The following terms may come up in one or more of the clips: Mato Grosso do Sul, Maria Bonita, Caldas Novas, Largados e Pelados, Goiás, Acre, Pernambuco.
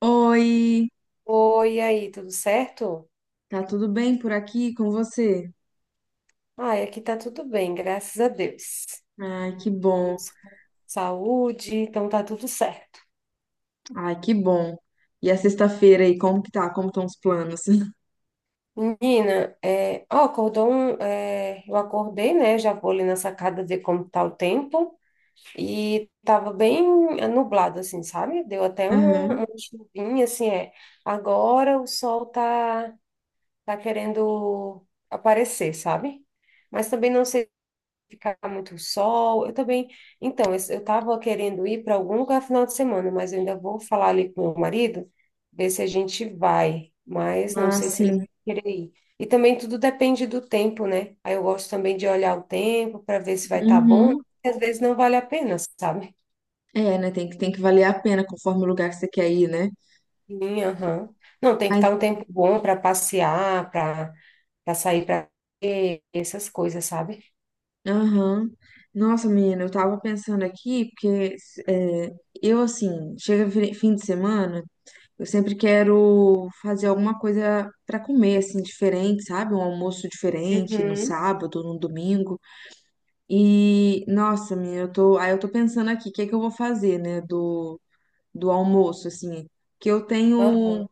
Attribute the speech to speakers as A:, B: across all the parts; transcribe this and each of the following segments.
A: Oi,
B: Oi, e aí, tudo certo?
A: tá tudo bem por aqui com você?
B: Ai, aqui tá tudo bem, graças a Deus.
A: Ai, que bom.
B: Estamos com saúde, então tá tudo certo.
A: Ai, que bom. E a sexta-feira aí, como que tá? Como estão os planos?
B: Menina, é, ó, acordou eu acordei, né? Já vou ali na sacada ver como tá o tempo. E tava bem nublado, assim, sabe? Deu até uma,
A: Aham.
B: uma chuvinha, assim, é. Agora o tá querendo aparecer, sabe? Mas também não sei ficar muito sol. Eu também. Então, eu estava querendo ir para algum lugar final de semana, mas eu ainda vou falar ali com meu marido, ver se a gente vai. Mas não
A: Ah,
B: sei se ele
A: sim.
B: vai querer ir. E também tudo depende do tempo, né? Aí eu gosto também de olhar o tempo para ver se vai estar bom.
A: Uhum.
B: Às vezes não vale a pena, sabe?
A: É, né? Tem que valer a pena conforme o lugar que você quer ir, né?
B: Sim, aham. Não, tem que
A: Mas,
B: estar um tempo bom para passear, para sair para essas coisas, sabe?
A: aham. Nossa, menina, eu tava pensando aqui, porque é, eu, assim, chega fim de semana, eu sempre quero fazer alguma coisa pra comer, assim, diferente, sabe? Um almoço diferente no
B: Uhum.
A: sábado, no domingo. E, nossa, minha, eu tô, aí eu tô pensando aqui, o que é que eu vou fazer, né, do almoço, assim, que eu tenho,
B: Aham.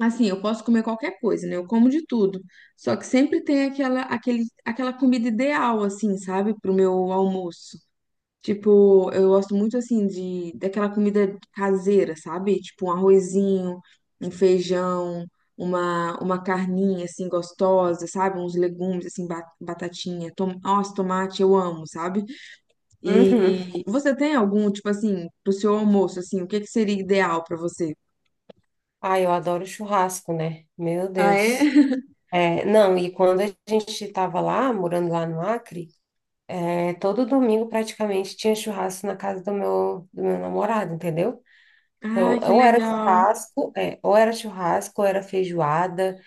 A: assim, eu posso comer qualquer coisa, né, eu como de tudo, só que sempre tem aquela comida ideal, assim, sabe, pro meu almoço. Tipo, eu gosto muito, assim, daquela comida caseira, sabe, tipo um arrozinho, um feijão, uma carninha, assim, gostosa, sabe, uns legumes, assim, batatinha, tomate, eu amo, sabe?
B: Uhum.
A: E você tem algum, tipo assim, pro seu almoço, assim, o que que seria ideal pra você?
B: Ai, eu adoro churrasco, né? Meu
A: Ah, é?
B: Deus. É, não, e quando a gente estava lá, morando lá no Acre, é, todo domingo praticamente tinha churrasco na casa do meu namorado, entendeu? Então,
A: Ah, que
B: ou era
A: legal.
B: churrasco, é, ou era churrasco, ou era feijoada,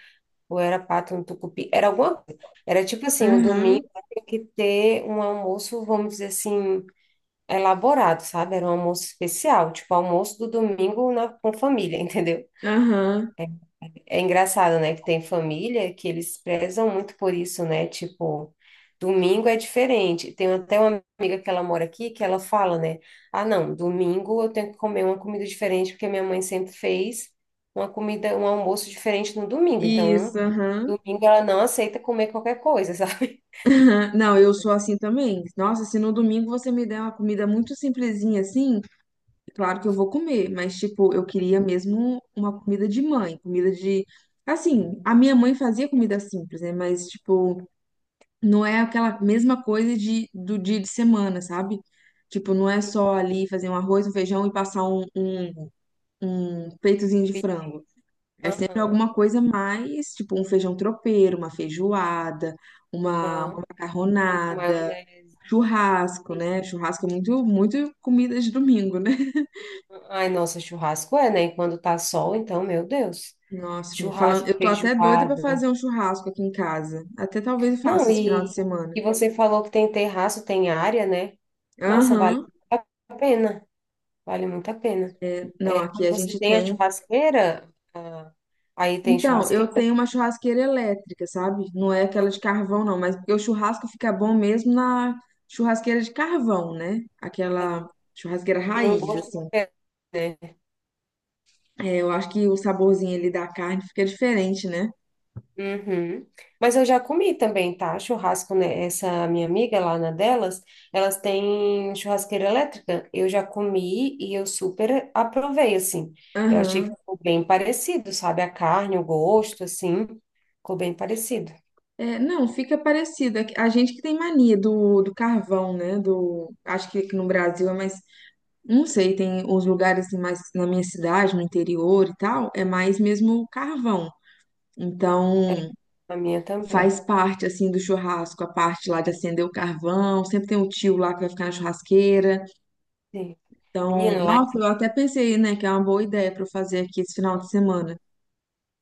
B: ou era pato no tucupi, era alguma coisa. Era tipo assim, o domingo
A: Aham,
B: tinha que ter um almoço, vamos dizer assim, elaborado, sabe? Era um almoço especial, tipo almoço do domingo na, com família, entendeu?
A: aham.
B: É engraçado, né, que tem família que eles prezam muito por isso, né? Tipo, domingo é diferente. Tem até uma amiga que ela mora aqui que ela fala, né? Ah, não, domingo eu tenho que comer uma comida diferente porque minha mãe sempre fez uma comida, um almoço diferente no domingo.
A: Isso,
B: Então,
A: aham.
B: domingo ela não aceita comer qualquer coisa, sabe?
A: Aham. Não, eu sou assim também. Nossa, se no domingo você me der uma comida muito simplesinha assim, claro que eu vou comer, mas tipo, eu queria mesmo uma comida de mãe, comida de. Assim, a minha mãe fazia comida simples, né? Mas, tipo, não é aquela mesma coisa do dia de semana, sabe? Tipo, não é
B: Sim.
A: só ali fazer um arroz, um feijão e passar um peitozinho de frango. É sempre
B: Aham,
A: alguma coisa mais, tipo, um feijão tropeiro, uma feijoada, uma
B: aham. Uma
A: macarronada,
B: maionese.
A: churrasco,
B: Sim.
A: né? Churrasco é muito, muito comida de domingo, né?
B: Ai, nossa, churrasco é, né? E quando tá sol, então, meu Deus.
A: Nossa, me falando,
B: Churrasco,
A: eu tô até doida pra
B: feijoada.
A: fazer um churrasco aqui em casa. Até talvez eu faça
B: Não,
A: esse final de semana.
B: e você falou que tem terraço, tem área, né? Nossa, vale
A: Aham.
B: muito a pena. Vale muito a pena.
A: Não,
B: É,
A: aqui
B: quando
A: a
B: você
A: gente
B: tem a
A: tem.
B: churrasqueira, ah, aí tem
A: Então, eu
B: churrasqueira,
A: tenho uma churrasqueira elétrica, sabe? Não é aquela de carvão, não, mas porque o churrasco fica bom mesmo na churrasqueira de carvão, né?
B: é,
A: Aquela churrasqueira
B: tem um
A: raiz,
B: gosto
A: assim.
B: diferente, né?
A: É, eu acho que o saborzinho ali da carne fica diferente, né?
B: Uhum. Mas eu já comi também, tá? Churrasco, né? Essa minha amiga lá na delas, elas têm churrasqueira elétrica. Eu já comi e eu super aprovei, assim. Eu achei que
A: Aham.
B: ficou bem parecido, sabe? A carne, o gosto, assim, ficou bem parecido.
A: É, não, fica parecido. É que a gente que tem mania do carvão, né? Do, acho que aqui no Brasil é mais. Não sei, tem os lugares assim, mais na minha cidade, no interior e tal, é mais mesmo carvão. Então,
B: A minha também.
A: faz parte assim do churrasco, a parte lá de
B: É,
A: acender o carvão, sempre tem um tio lá que vai ficar na churrasqueira.
B: sim.
A: Então,
B: Menino, lá em...
A: nossa, eu até pensei, né, que é uma boa ideia para eu fazer aqui esse final de semana.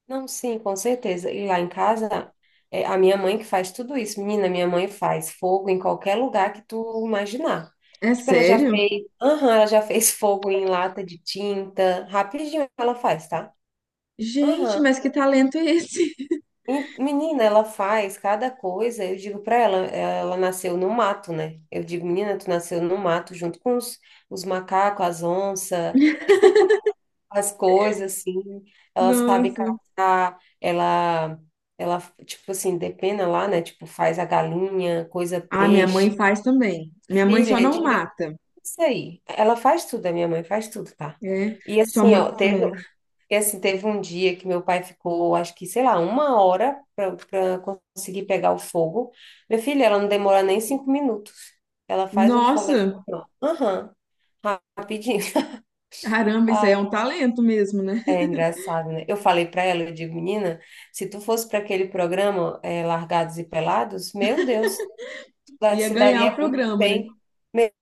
B: Não, sim, com certeza. E lá em casa, é a minha mãe que faz tudo isso. Menina, minha mãe faz fogo em qualquer lugar que tu imaginar.
A: É
B: Tipo, ela já
A: sério?
B: fez... Aham, ela já fez fogo em lata de tinta. Rapidinho ela faz, tá?
A: Gente,
B: Aham.
A: mas que talento é esse?
B: E, menina, ela faz cada coisa. Eu digo pra ela, ela nasceu no mato, né? Eu digo, menina, tu nasceu no mato junto com os macacos, as onças, as coisas, assim, ela sabe
A: Nossa.
B: caçar, ela, tipo assim, depena lá, né? Tipo, faz a galinha, coisa
A: Ah, minha mãe
B: peixe.
A: faz também. Minha mãe só
B: Filha,
A: não
B: tira
A: mata,
B: isso aí. Ela faz tudo, a minha mãe faz tudo, tá?
A: é.
B: E
A: Sua
B: assim,
A: mãe.
B: ó, teve,
A: Hum.
B: e assim, teve um dia que meu pai ficou, acho que, sei lá, uma hora para conseguir pegar o fogo. Minha filha, ela não demora nem 5 minutos. Ela faz um fogo assim,
A: Nossa,
B: ó. Aham, rapidinho.
A: caramba, isso aí é um talento mesmo, né?
B: É engraçado, né? Eu falei pra ela, eu digo, menina, se tu fosse para aquele programa é, Largados e Pelados, meu Deus, tu da-
A: Ia
B: se
A: ganhar
B: daria
A: o
B: muito
A: programa, né?
B: bem.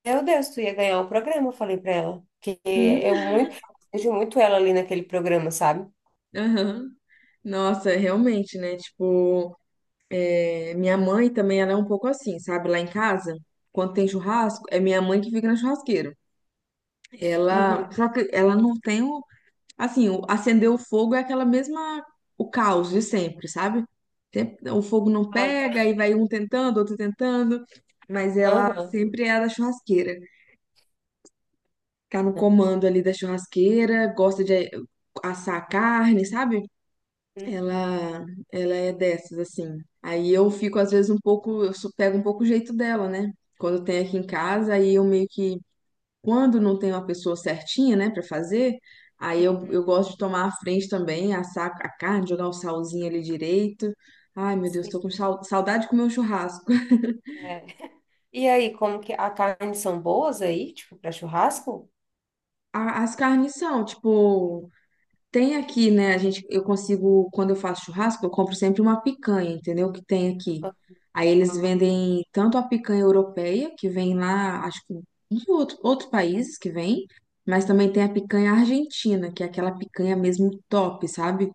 B: Meu Deus, tu ia ganhar o programa, eu falei pra ela. Eu
A: Hum,
B: muito, vejo muito ela ali naquele programa, sabe?
A: aham. Nossa, realmente, né? Tipo, é, minha mãe também, ela é um pouco assim, sabe? Lá em casa, quando tem churrasco, é minha mãe que fica na churrasqueira. Ela,
B: Uhum.
A: só que ela não tem o, assim, o, acender o fogo é aquela mesma, o caos de sempre, sabe? Sempre- o fogo não
B: Ah, tá.
A: pega, aí vai um tentando, outro tentando, mas ela
B: Aham.
A: sempre é a da churrasqueira. Tá no
B: Não.
A: comando ali da churrasqueira, gosta de assar carne, sabe?
B: É. Uhum.
A: Ela, ela é dessas, assim. Aí eu fico, às vezes, um pouco, eu pego um pouco o jeito dela, né? Quando tem aqui em casa, aí eu meio que, quando não tem uma pessoa certinha, né, pra fazer, eu
B: Uhum.
A: gosto de tomar a frente também, assar a carne, jogar o salzinho ali direito. Ai, meu Deus,
B: Sim.
A: tô com saudade de comer um churrasco.
B: É. E aí, como que a carne são boas aí, tipo, para churrasco?
A: As carnes são, tipo, tem aqui, né? A gente, eu consigo, quando eu faço churrasco, eu compro sempre uma picanha, entendeu? Que tem aqui. Aí eles
B: Ah, tá.
A: vendem tanto a picanha europeia, que vem lá, acho que de outros países que vem, mas também tem a picanha argentina, que é aquela picanha mesmo top, sabe?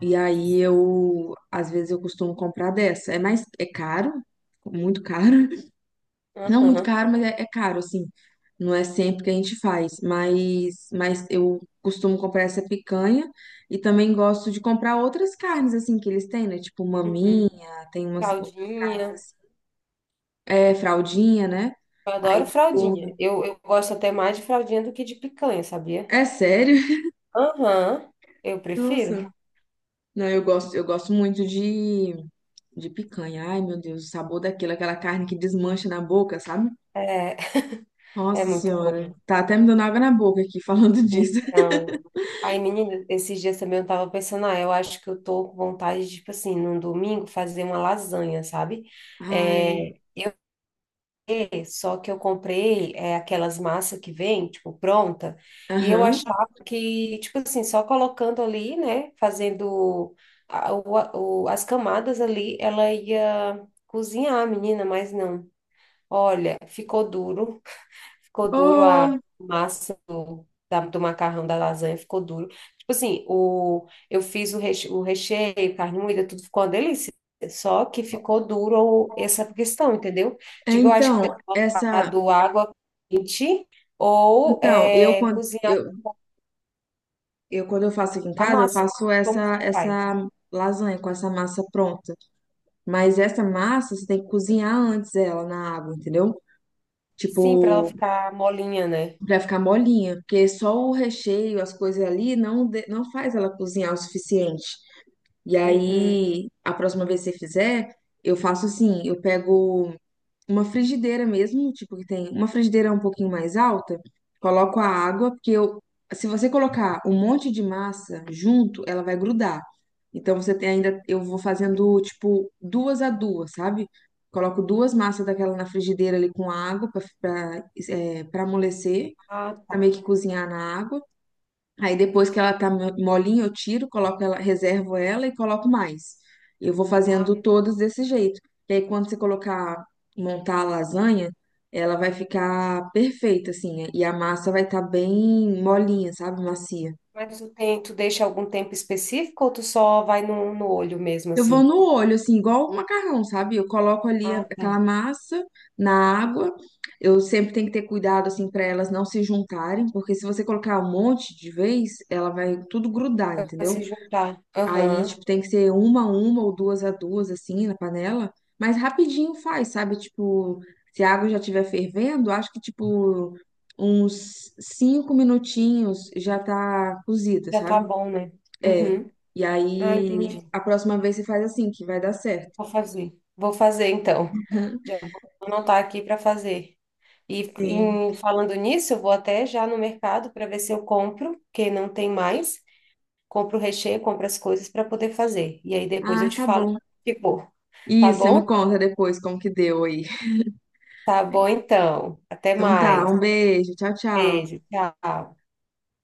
A: E aí eu, às vezes eu costumo comprar dessa. É mais, é caro, muito caro, não muito
B: Aham.
A: caro, mas é caro, assim. Não é sempre que a gente faz, mas eu costumo comprar essa picanha e também gosto de comprar outras carnes, assim, que eles têm, né? Tipo
B: Uhum.
A: maminha, tem umas outras carnes
B: Fraldinha.
A: assim. É, fraldinha, né?
B: Eu
A: Aí,
B: adoro fraldinha.
A: tipo,
B: Eu gosto até mais de fraldinha do que de picanha, sabia?
A: é sério?
B: Aham, eu prefiro.
A: Nossa. Não, eu gosto muito de picanha. Ai, meu Deus, o sabor daquilo, aquela carne que desmancha na boca, sabe?
B: É, é
A: Nossa
B: muito
A: Senhora.
B: bom.
A: Tá até me dando água na boca aqui falando disso.
B: Então, aí, menina, esses dias também eu tava pensando, ah, eu acho que eu tô com vontade, de, tipo assim, num domingo fazer uma lasanha, sabe?
A: Ai,
B: É, só que eu comprei é, aquelas massas que vem, tipo, pronta, e eu
A: aham.
B: achava que, tipo assim, só colocando ali, né, fazendo as camadas ali, ela ia cozinhar a menina, mas não. Olha, ficou duro. Ficou
A: Ô,
B: duro a massa do macarrão da lasanha, ficou duro. Tipo assim, eu fiz o recheio, carne moída, tudo ficou uma delícia. Só que ficou duro essa questão, entendeu?
A: É,
B: Digo, eu acho que tem
A: então,
B: que colocar
A: essa,
B: do água quente ou
A: então,
B: é, cozinhar
A: eu quando eu faço aqui em
B: a
A: casa, eu
B: massa.
A: faço
B: Como que faz?
A: essa lasanha com essa massa pronta. Mas essa massa você tem que cozinhar antes ela na água, entendeu?
B: Sim, para ela
A: Tipo,
B: ficar molinha, né?
A: pra ficar molinha, porque só o recheio, as coisas ali não não faz ela cozinhar o suficiente. E
B: Uhum.
A: aí, a próxima vez que você fizer, eu faço assim, eu pego uma frigideira mesmo, tipo que tem uma frigideira um pouquinho mais alta, coloco a água, porque eu, se você colocar um monte de massa junto, ela vai grudar. Então você tem ainda, eu vou fazendo tipo duas a duas, sabe? Coloco duas massas daquela na frigideira ali com água para para amolecer,
B: Ah,
A: para meio
B: tá.
A: que cozinhar na água. Aí depois que
B: Sim.
A: ela tá molinha, eu tiro, coloco ela, reservo ela e coloco mais. Eu vou
B: Ah,
A: fazendo todas desse jeito. E aí quando você colocar, montar a lasanha, ela vai ficar perfeita, assim, né? E a massa vai estar bem molinha, sabe? Macia.
B: mas tu, tem, tu deixa algum tempo específico ou tu só vai no olho mesmo
A: Eu vou
B: assim?
A: no olho, assim, igual o macarrão, sabe? Eu coloco ali
B: Ah, tá.
A: aquela massa na água. Eu sempre tenho que ter cuidado, assim, para elas não se juntarem, porque se você colocar um monte de vez, ela vai tudo grudar,
B: Vai
A: entendeu?
B: se juntar.
A: Aí,
B: Aham.
A: tipo, tem que ser uma a uma ou duas a duas, assim, na panela. Mas rapidinho faz, sabe? Tipo, se a água já estiver fervendo, acho que, tipo, uns cinco minutinhos já tá cozida,
B: Já tá
A: sabe?
B: bom, né?
A: É.
B: Uhum.
A: E
B: Ah,
A: aí,
B: entendi.
A: a próxima vez você faz assim, que vai dar certo.
B: Vou fazer. Vou fazer então. Já vou anotar aqui para fazer. E
A: Sim.
B: em- falando nisso, eu vou até já no mercado para ver se eu compro, que não tem mais. Compro o recheio, compro as coisas para poder fazer. E aí depois eu
A: Ah,
B: te
A: tá
B: falo
A: bom.
B: como ficou. Tá
A: Isso, você
B: bom?
A: me conta depois como que deu aí.
B: Tá bom então. Até
A: Então tá,
B: mais.
A: um beijo. Tchau, tchau.
B: Beijo. Tchau.